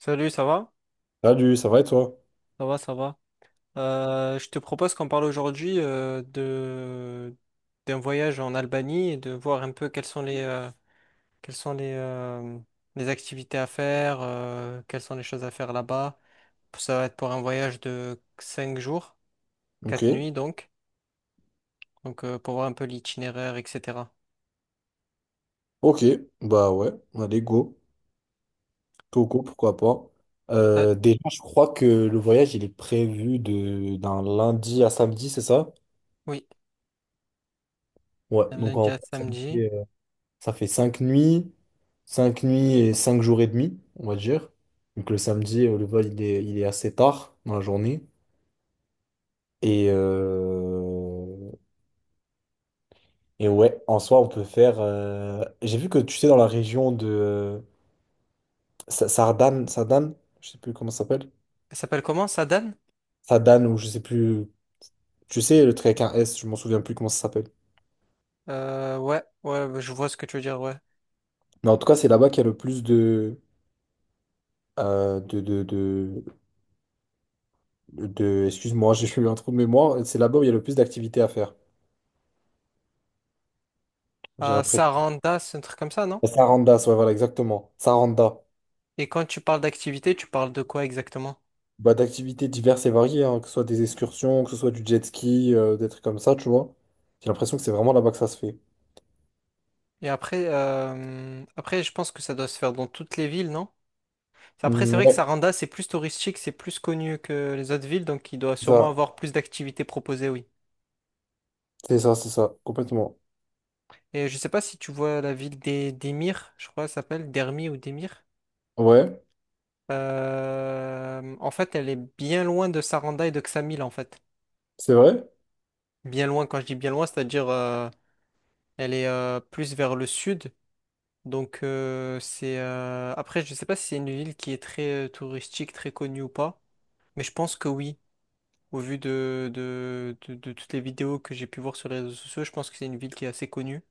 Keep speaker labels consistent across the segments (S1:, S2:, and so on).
S1: Salut, ça va?
S2: Salut, ça va et toi?
S1: Ça va, ça va. Je te propose qu'on parle aujourd'hui de d'un voyage en Albanie et de voir un peu quelles sont les quelles sont les euh, les activités à faire, quelles sont les choses à faire là-bas. Ça va être pour un voyage de 5 jours,
S2: Ok,
S1: 4 nuits donc. Donc pour voir un peu l'itinéraire, etc.
S2: ok, bah ouais, allez, go. Togo, pourquoi pas.
S1: Euh,
S2: Déjà, je crois que le voyage, il est prévu de d'un lundi à samedi, c'est ça?
S1: oui,
S2: Ouais,
S1: un
S2: donc en
S1: lundi à
S2: vrai,
S1: samedi.
S2: fait, euh, ça fait 5 nuits, 5 nuits et 5 jours et demi, on va dire. Donc le samedi, le vol, il est assez tard dans la journée. Et, euh, et ouais, en soi, on peut faire. J'ai vu que tu sais, dans la région de Sardane, je sais plus comment ça s'appelle.
S1: Ça s'appelle comment, Sadan?
S2: Sadan ou je sais plus, tu sais, le truc avec un S, je m'en souviens plus comment ça s'appelle.
S1: Ouais, ouais, je vois ce que tu veux dire, ouais.
S2: Mais en tout cas, c'est là-bas qu'il y a le plus euh, de, de, de, de, excuse-moi, j'ai eu un trou de mémoire, c'est là-bas où il y a le plus d'activités à faire, j'ai l'impression.
S1: Saranda, c'est un truc comme ça, non?
S2: La Saranda ouais, voilà, exactement. Saranda.
S1: Et quand tu parles d'activité, tu parles de quoi exactement?
S2: Bah, d'activités diverses et variées, hein, que ce soit des excursions, que ce soit du jet ski, des trucs comme ça, tu vois. J'ai l'impression que c'est vraiment là-bas que ça se fait.
S1: Et après, après, je pense que ça doit se faire dans toutes les villes, non? Enfin, après, c'est
S2: Mm,
S1: vrai que
S2: ouais,
S1: Saranda, c'est plus touristique, c'est plus connu que les autres villes, donc il doit
S2: c'est
S1: sûrement
S2: ça,
S1: avoir plus d'activités proposées, oui.
S2: c'est ça, c'est ça, complètement.
S1: Et je sais pas si tu vois la ville des d'Emir, je crois, qu'elle s'appelle Dermi ou Demir.
S2: Ouais,
S1: En fait, elle est bien loin de Saranda et de Ksamil, en fait.
S2: c'est vrai?
S1: Bien loin, quand je dis bien loin, c'est-à-dire elle est plus vers le sud. Donc c'est après je sais pas si c'est une ville qui est très touristique, très connue ou pas, mais je pense que oui. Au vu de toutes les vidéos que j'ai pu voir sur les réseaux sociaux, je pense que c'est une ville qui est assez connue.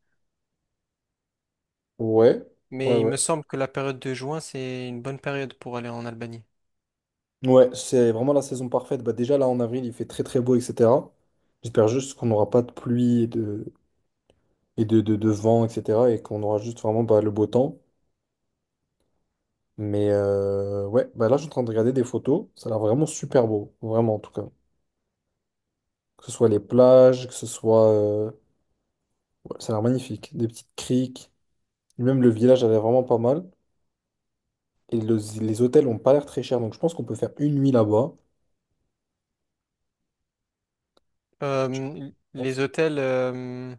S2: Ouais, ouais,
S1: Mais il
S2: ouais.
S1: me semble que la période de juin, c'est une bonne période pour aller en Albanie.
S2: Ouais, c'est vraiment la saison parfaite. Bah déjà là en avril, il fait très très beau, etc. J'espère juste qu'on n'aura pas de pluie et de vent, etc. Et qu'on aura juste vraiment bah, le beau temps. Mais ouais, bah là je suis en train de regarder des photos. Ça a l'air vraiment super beau, vraiment en tout cas. Que ce soit les plages, que ce soit... ouais, ça a l'air magnifique. Des petites criques. Même le village a l'air vraiment pas mal. Et les hôtels ont pas l'air très chers. Donc je pense qu'on peut faire une nuit là-bas.
S1: Les hôtels,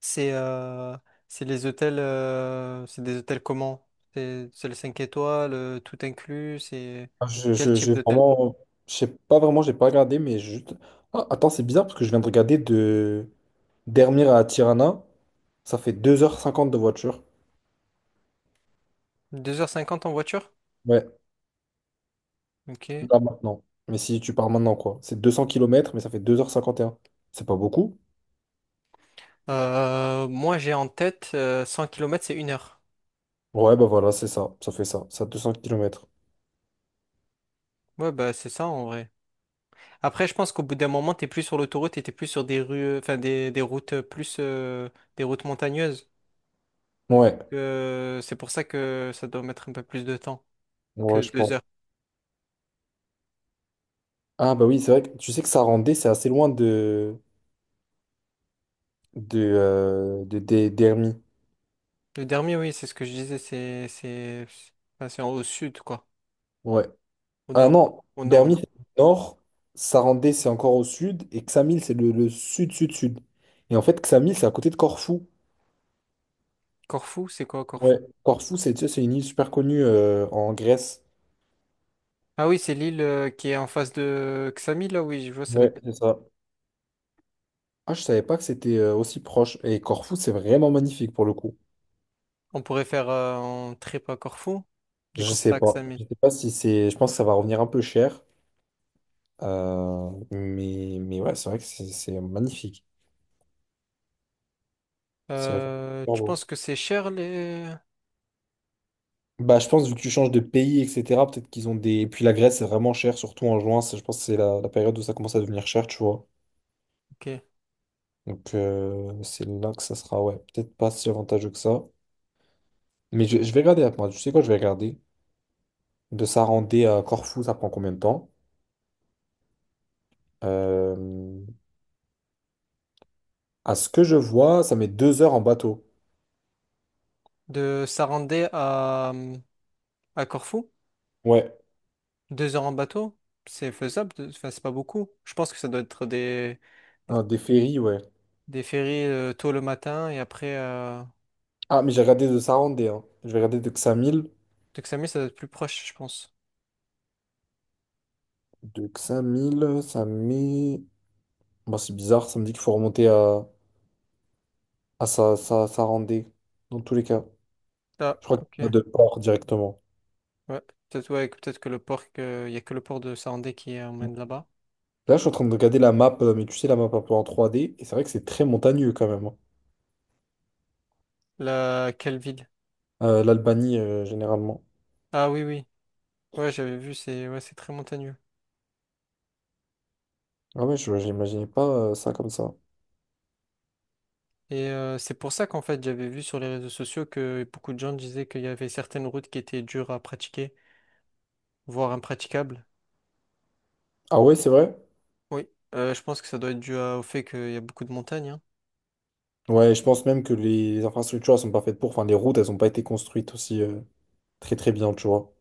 S1: c'est euh, c'est les hôtels, c'est des hôtels comment? C'est les 5 étoiles, tout inclus, c'est
S2: Je,
S1: quel
S2: je,
S1: type
S2: j'ai
S1: d'hôtel?
S2: vraiment, je sais pas vraiment, j'ai pas regardé, mais juste. Ah, attends, c'est bizarre parce que je viens de regarder de Dermir à Tirana. Ça fait 2h50 de voiture.
S1: Deux heures cinquante en voiture?
S2: Ouais,
S1: Ok.
S2: là maintenant. Mais si tu pars maintenant, quoi. C'est 200 kilomètres mais ça fait 2h51. C'est pas beaucoup?
S1: Moi, j'ai en tête 100 km, c'est une heure.
S2: Ouais, bah voilà, c'est ça. Ça fait ça. Ça, 200 kilomètres.
S1: Ouais, bah c'est ça en vrai. Après, je pense qu'au bout d'un moment, t'es plus sur l'autoroute et t'es plus sur des rues, enfin des routes plus, des routes montagneuses.
S2: Ouais,
S1: C'est pour ça que ça doit mettre un peu plus de temps
S2: ouais,
S1: que
S2: je
S1: deux
S2: pense.
S1: heures.
S2: Ah, bah oui, c'est vrai que tu sais que ça rendait, c'est assez loin d'Hermie.
S1: Le dernier, oui, c'est ce que je disais, c'est enfin, c'est au sud, quoi.
S2: Ouais.
S1: Au
S2: Ah
S1: nord,
S2: non,
S1: au nord, au
S2: Dermy,
S1: nord.
S2: c'est le nord, Sarandé, c'est encore au sud, et Ksamil, c'est le sud, sud, sud. Et en fait, Ksamil, c'est à côté de Corfou.
S1: Corfou, c'est quoi
S2: Ouais.
S1: Corfou?
S2: Corfou, c'est tu sais, c'est une île super connue en Grèce.
S1: Ah oui, c'est l'île qui est en face de Xamil, là, oui, je vois, c'est
S2: Ouais,
S1: laquelle.
S2: c'est ça. Ah, je savais pas que c'était aussi proche. Et Corfou, c'est vraiment magnifique pour le coup.
S1: On pourrait faire un trip à Corfou, des
S2: Je
S1: concerts
S2: sais
S1: à
S2: pas.
S1: Xamil.
S2: Je sais pas si c'est. Je pense que ça va revenir un peu cher. Mais ouais, c'est vrai que c'est magnifique. C'est vraiment super
S1: Tu
S2: beau.
S1: penses que c'est cher les…
S2: Bah, je pense, vu que tu changes de pays, etc., peut-être qu'ils ont des. Et puis la Grèce, c'est vraiment cher, surtout en juin. Je pense que c'est la période où ça commence à devenir cher, tu vois.
S1: Ok.
S2: Donc, c'est là que ça sera, ouais, peut-être pas si avantageux que ça. Mais je vais regarder, attends, tu sais quoi, je vais regarder. De Sarandé à Corfou, ça prend combien de temps? Euh, À ce que je vois, ça met 2 heures en bateau.
S1: De Sarandé à Corfou,
S2: Ouais,
S1: deux heures en bateau, c'est faisable, enfin c'est pas beaucoup. Je pense que ça doit être des,
S2: ah, des ferries, ouais.
S1: des ferries tôt le matin et après… Euh…
S2: Ah, mais j'ai regardé de Sarandé, hein. Je vais regarder de Xamil.
S1: De Xamil, ça doit être plus proche, je pense.
S2: De Xamil, ça met. Bon, c'est bizarre, ça me dit qu'il faut remonter à. Ah, ça rendait, dans tous les cas.
S1: Ah,
S2: Je crois qu'il n'y a pas
S1: ok.
S2: de port directement.
S1: Ouais. Peut-être ouais, peut-être que le port, que… il y a que le port de Sarandé qui emmène là-bas.
S2: Là, je suis en train de regarder la map, mais tu sais, la map un peu en trois d et c'est vrai que c'est très montagneux quand même. Hein.
S1: La… Quelle ville?
S2: L'Albanie, généralement.
S1: Ah oui, oui. Ouais, j'avais vu, c'est ouais, c'est très montagneux.
S2: Ah ouais, je n'imaginais pas ça comme ça.
S1: Et c'est pour ça qu'en fait, j'avais vu sur les réseaux sociaux que beaucoup de gens disaient qu'il y avait certaines routes qui étaient dures à pratiquer, voire impraticables.
S2: Ah ouais, c'est vrai?
S1: Oui, je pense que ça doit être au fait qu'il y a beaucoup de montagnes, hein.
S2: Ouais, je pense même que les infrastructures, elles sont pas faites pour. Enfin, les routes, elles n'ont pas été construites aussi très très bien, tu vois.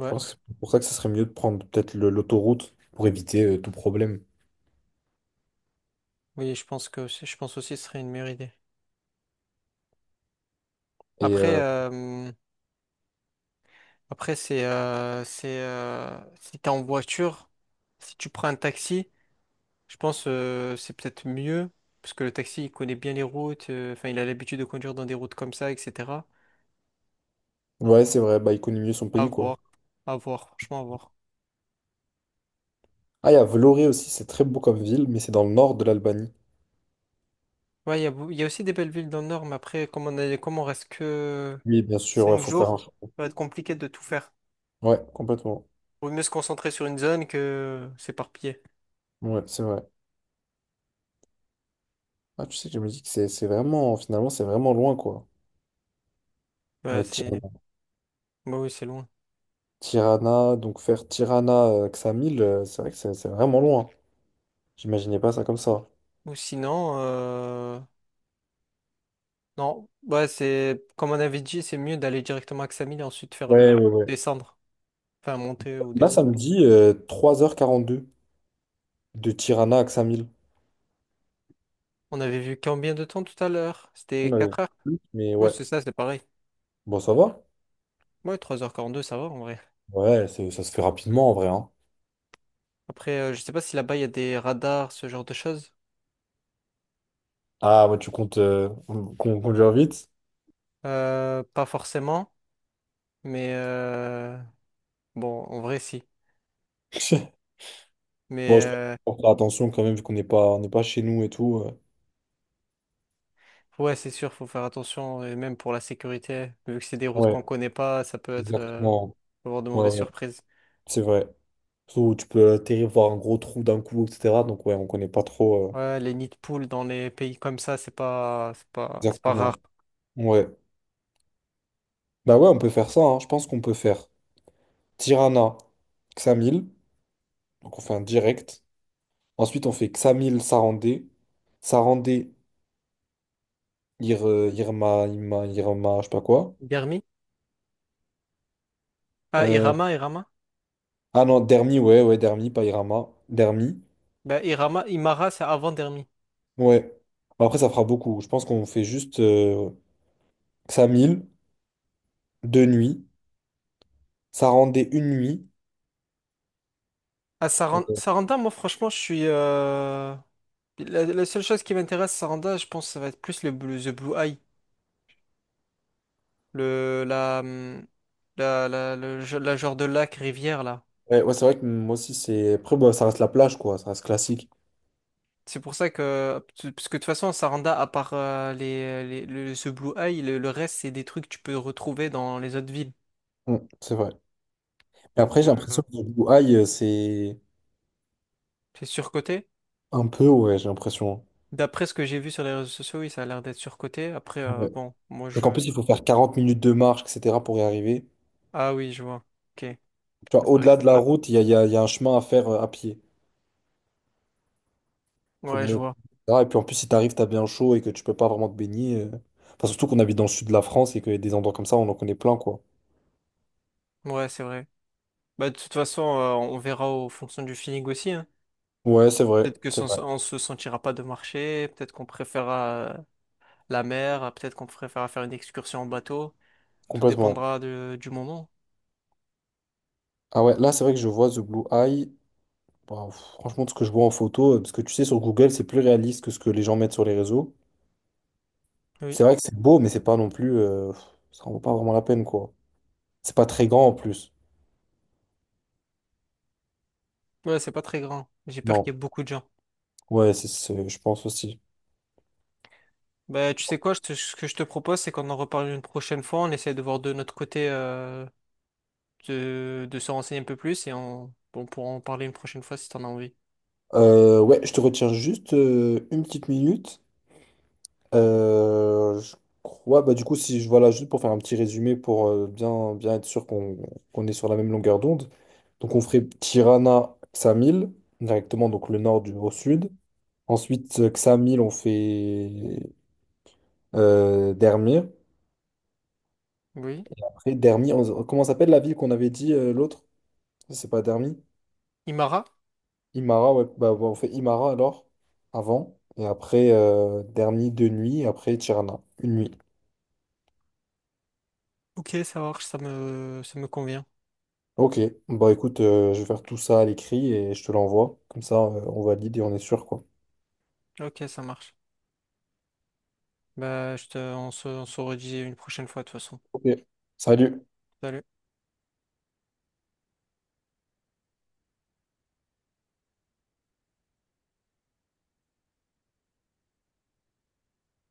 S2: Je pense que c'est pour ça que ce serait mieux de prendre peut-être l'autoroute pour éviter tout problème.
S1: oui, je pense aussi que ce serait une meilleure idée.
S2: Et
S1: Après, après c'est si t'es en voiture, si tu prends un taxi, je pense c'est peut-être mieux parce que le taxi il connaît bien les routes, enfin il a l'habitude de conduire dans des routes comme ça, etc.
S2: ouais, c'est vrai, bah, il connaît mieux son
S1: À
S2: pays, quoi.
S1: voir, à voir, franchement à voir.
S2: Ah, il y a Vlorë aussi, c'est très beau comme ville, mais c'est dans le nord de l'Albanie.
S1: Ouais, il y a, il y a aussi des belles villes dans le nord, mais après, comme on reste que
S2: Oui, bien sûr, il
S1: 5
S2: faut faire
S1: jours,
S2: un...
S1: ça va être compliqué de tout faire.
S2: Ouais, complètement.
S1: Vaut mieux se concentrer sur une zone que s'éparpiller.
S2: Ouais, c'est vrai. Ah, tu sais que je me dis que c'est vraiment, finalement, c'est vraiment loin, quoi. Euh,
S1: Ouais, c'est…
S2: Tirana,
S1: Bah oui, c'est loin.
S2: Tirana, donc faire Tirana, Ksamil, c'est vrai que c'est vraiment loin. J'imaginais pas ça comme ça.
S1: Ou sinon, non, ouais, c'est… Comme on avait dit, c'est mieux d'aller directement à Ksamil et ensuite faire
S2: Ouais, ouais,
S1: le…
S2: ouais.
S1: descendre. Enfin, monter ou
S2: Là, ça
S1: descendre.
S2: me dit 3h42 de Tirana à Ksamil.
S1: On avait vu combien de temps tout à l'heure?
S2: On
S1: C'était
S2: avait
S1: 4 heures.
S2: plus, mais
S1: Ouais,
S2: ouais,
S1: c'est ça, c'est pareil.
S2: bon, ça va.
S1: Ouais, trois heures quarante-deux ça va en vrai.
S2: Ouais, ça se fait rapidement en vrai. Hein.
S1: Après, je sais pas si là-bas, il y a des radars, ce genre de choses.
S2: Ah, ouais, tu comptes qu'on conduire vite?
S1: Pas forcément. Mais bon, en vrai, si. Mais
S2: Bon, je pense qu'il faut faire attention quand même, vu qu'on n'est pas chez nous et tout.
S1: ouais, c'est sûr, faut faire attention, et même pour la sécurité, vu que c'est des routes
S2: Ouais.
S1: qu'on connaît pas, ça peut être
S2: Exactement.
S1: peut avoir de
S2: Ouais,
S1: mauvaises
S2: ouais,
S1: surprises.
S2: c'est vrai. Surtout, où tu peux atterrir, voir un gros trou d'un coup, etc. Donc, ouais, on connaît pas trop.
S1: Ouais, les nids de poules dans les pays comme ça, c'est pas, c'est pas, c'est pas rare.
S2: Exactement. Ouais. Bah, ouais, on peut faire ça. Hein. Je pense qu'on peut faire Tirana, Xamil. Donc, on fait un direct. Ensuite, on fait Xamil, Sarandé. Sarandé, Irma, je sais pas quoi.
S1: Dermi? Ah,
S2: Euh,
S1: Irama, Irama?
S2: Ah non, Dermi, ouais, ouais, Dermi, pas Irama. Dermi.
S1: Bah Irama, Imara, c'est avant Dermi.
S2: Ouais. Bon, après, ça fera beaucoup. Je pense qu'on fait juste ça 1000, 2 nuits. Ça rendait 1 nuit.
S1: Ah,
S2: Euh,
S1: Saranda, moi, franchement, je suis, la, la seule chose qui m'intéresse, Saranda, je pense que ça va être plus le blue, The Blue Eye. Le, la, la, la, la genre de lac, rivière, là.
S2: ouais, ouais, c'est vrai que moi aussi, c'est. Après, bon, ça reste la plage, quoi. Ça reste classique.
S1: C'est pour ça que, parce que de toute façon, Saranda, à part les, ce Blue Eye, le reste, c'est des trucs que tu peux retrouver dans les autres villes.
S2: Mm, c'est vrai. Et
S1: Donc,
S2: après, j'ai l'impression que le Blue Eye, c'est
S1: c'est surcoté.
S2: un peu, ouais, j'ai l'impression.
S1: D'après ce que j'ai vu sur les réseaux sociaux, oui, ça a l'air d'être surcoté. Après,
S2: Ouais.
S1: bon, moi,
S2: Parce qu'en
S1: je…
S2: plus, il faut faire 40 minutes de marche, etc., pour y arriver.
S1: Ah oui, je vois. Ok. Ah,
S2: Tu vois,
S1: c'est vrai que…
S2: au-delà de la route, il y a un chemin à faire à pied. Faut
S1: Ouais, je
S2: monter,
S1: vois.
S2: etc. Et puis, en plus, si t'arrives, t'as bien chaud et que tu peux pas vraiment te baigner. Enfin, surtout qu'on habite dans le sud de la France et qu'il y a des endroits comme ça, on en connaît plein, quoi.
S1: Ouais, c'est vrai. Bah, de toute façon, on verra en fonction du feeling aussi, hein.
S2: Ouais,
S1: Peut-être que
S2: c'est vrai,
S1: on se sentira pas de marcher, peut-être qu'on préférera la mer, peut-être qu'on préférera faire une excursion en bateau. Tout
S2: complètement.
S1: dépendra du moment.
S2: Ah ouais, là, c'est vrai que je vois The Blue Eye. Bah, pff, franchement, de ce que je vois en photo, parce que tu sais, sur Google, c'est plus réaliste que ce que les gens mettent sur les réseaux.
S1: Oui.
S2: C'est vrai que c'est beau, mais c'est pas non plus. Pff, ça en vaut pas vraiment la peine, quoi. C'est pas très grand en plus.
S1: Ouais, c'est pas très grand. J'ai peur qu'il
S2: Non.
S1: y ait beaucoup de gens.
S2: Ouais, je pense aussi.
S1: Bah, tu sais quoi, ce que je te propose, c'est qu'on en reparle une prochaine fois. On essaie de voir de notre côté, de se renseigner un peu plus et on pourra en parler une prochaine fois si t'en as envie.
S2: Ouais, je te retiens juste une petite minute. Je crois, bah du coup, si je voilà, juste pour faire un petit résumé pour bien, bien être sûr qu'on est sur la même longueur d'onde. Donc, on ferait Tirana, Xamil, directement, donc le nord au sud. Ensuite, Xamil, on fait Dermir.
S1: Oui.
S2: Après, Dermi, comment s'appelle la ville qu'on avait dit l'autre? C'est pas Dermi?
S1: Imara?
S2: Imara, ouais, bah, on fait Imara alors, avant. Et après, Dermi, 2 nuits, et après Tirana, 1 nuit.
S1: Ok, ça marche, ça me convient.
S2: Ok, bah écoute, je vais faire tout ça à l'écrit et je te l'envoie. Comme ça, on valide et on est sûr, quoi.
S1: Ok, ça marche. Bah, on se redit une prochaine fois de toute façon.
S2: Ok, salut.
S1: Salut.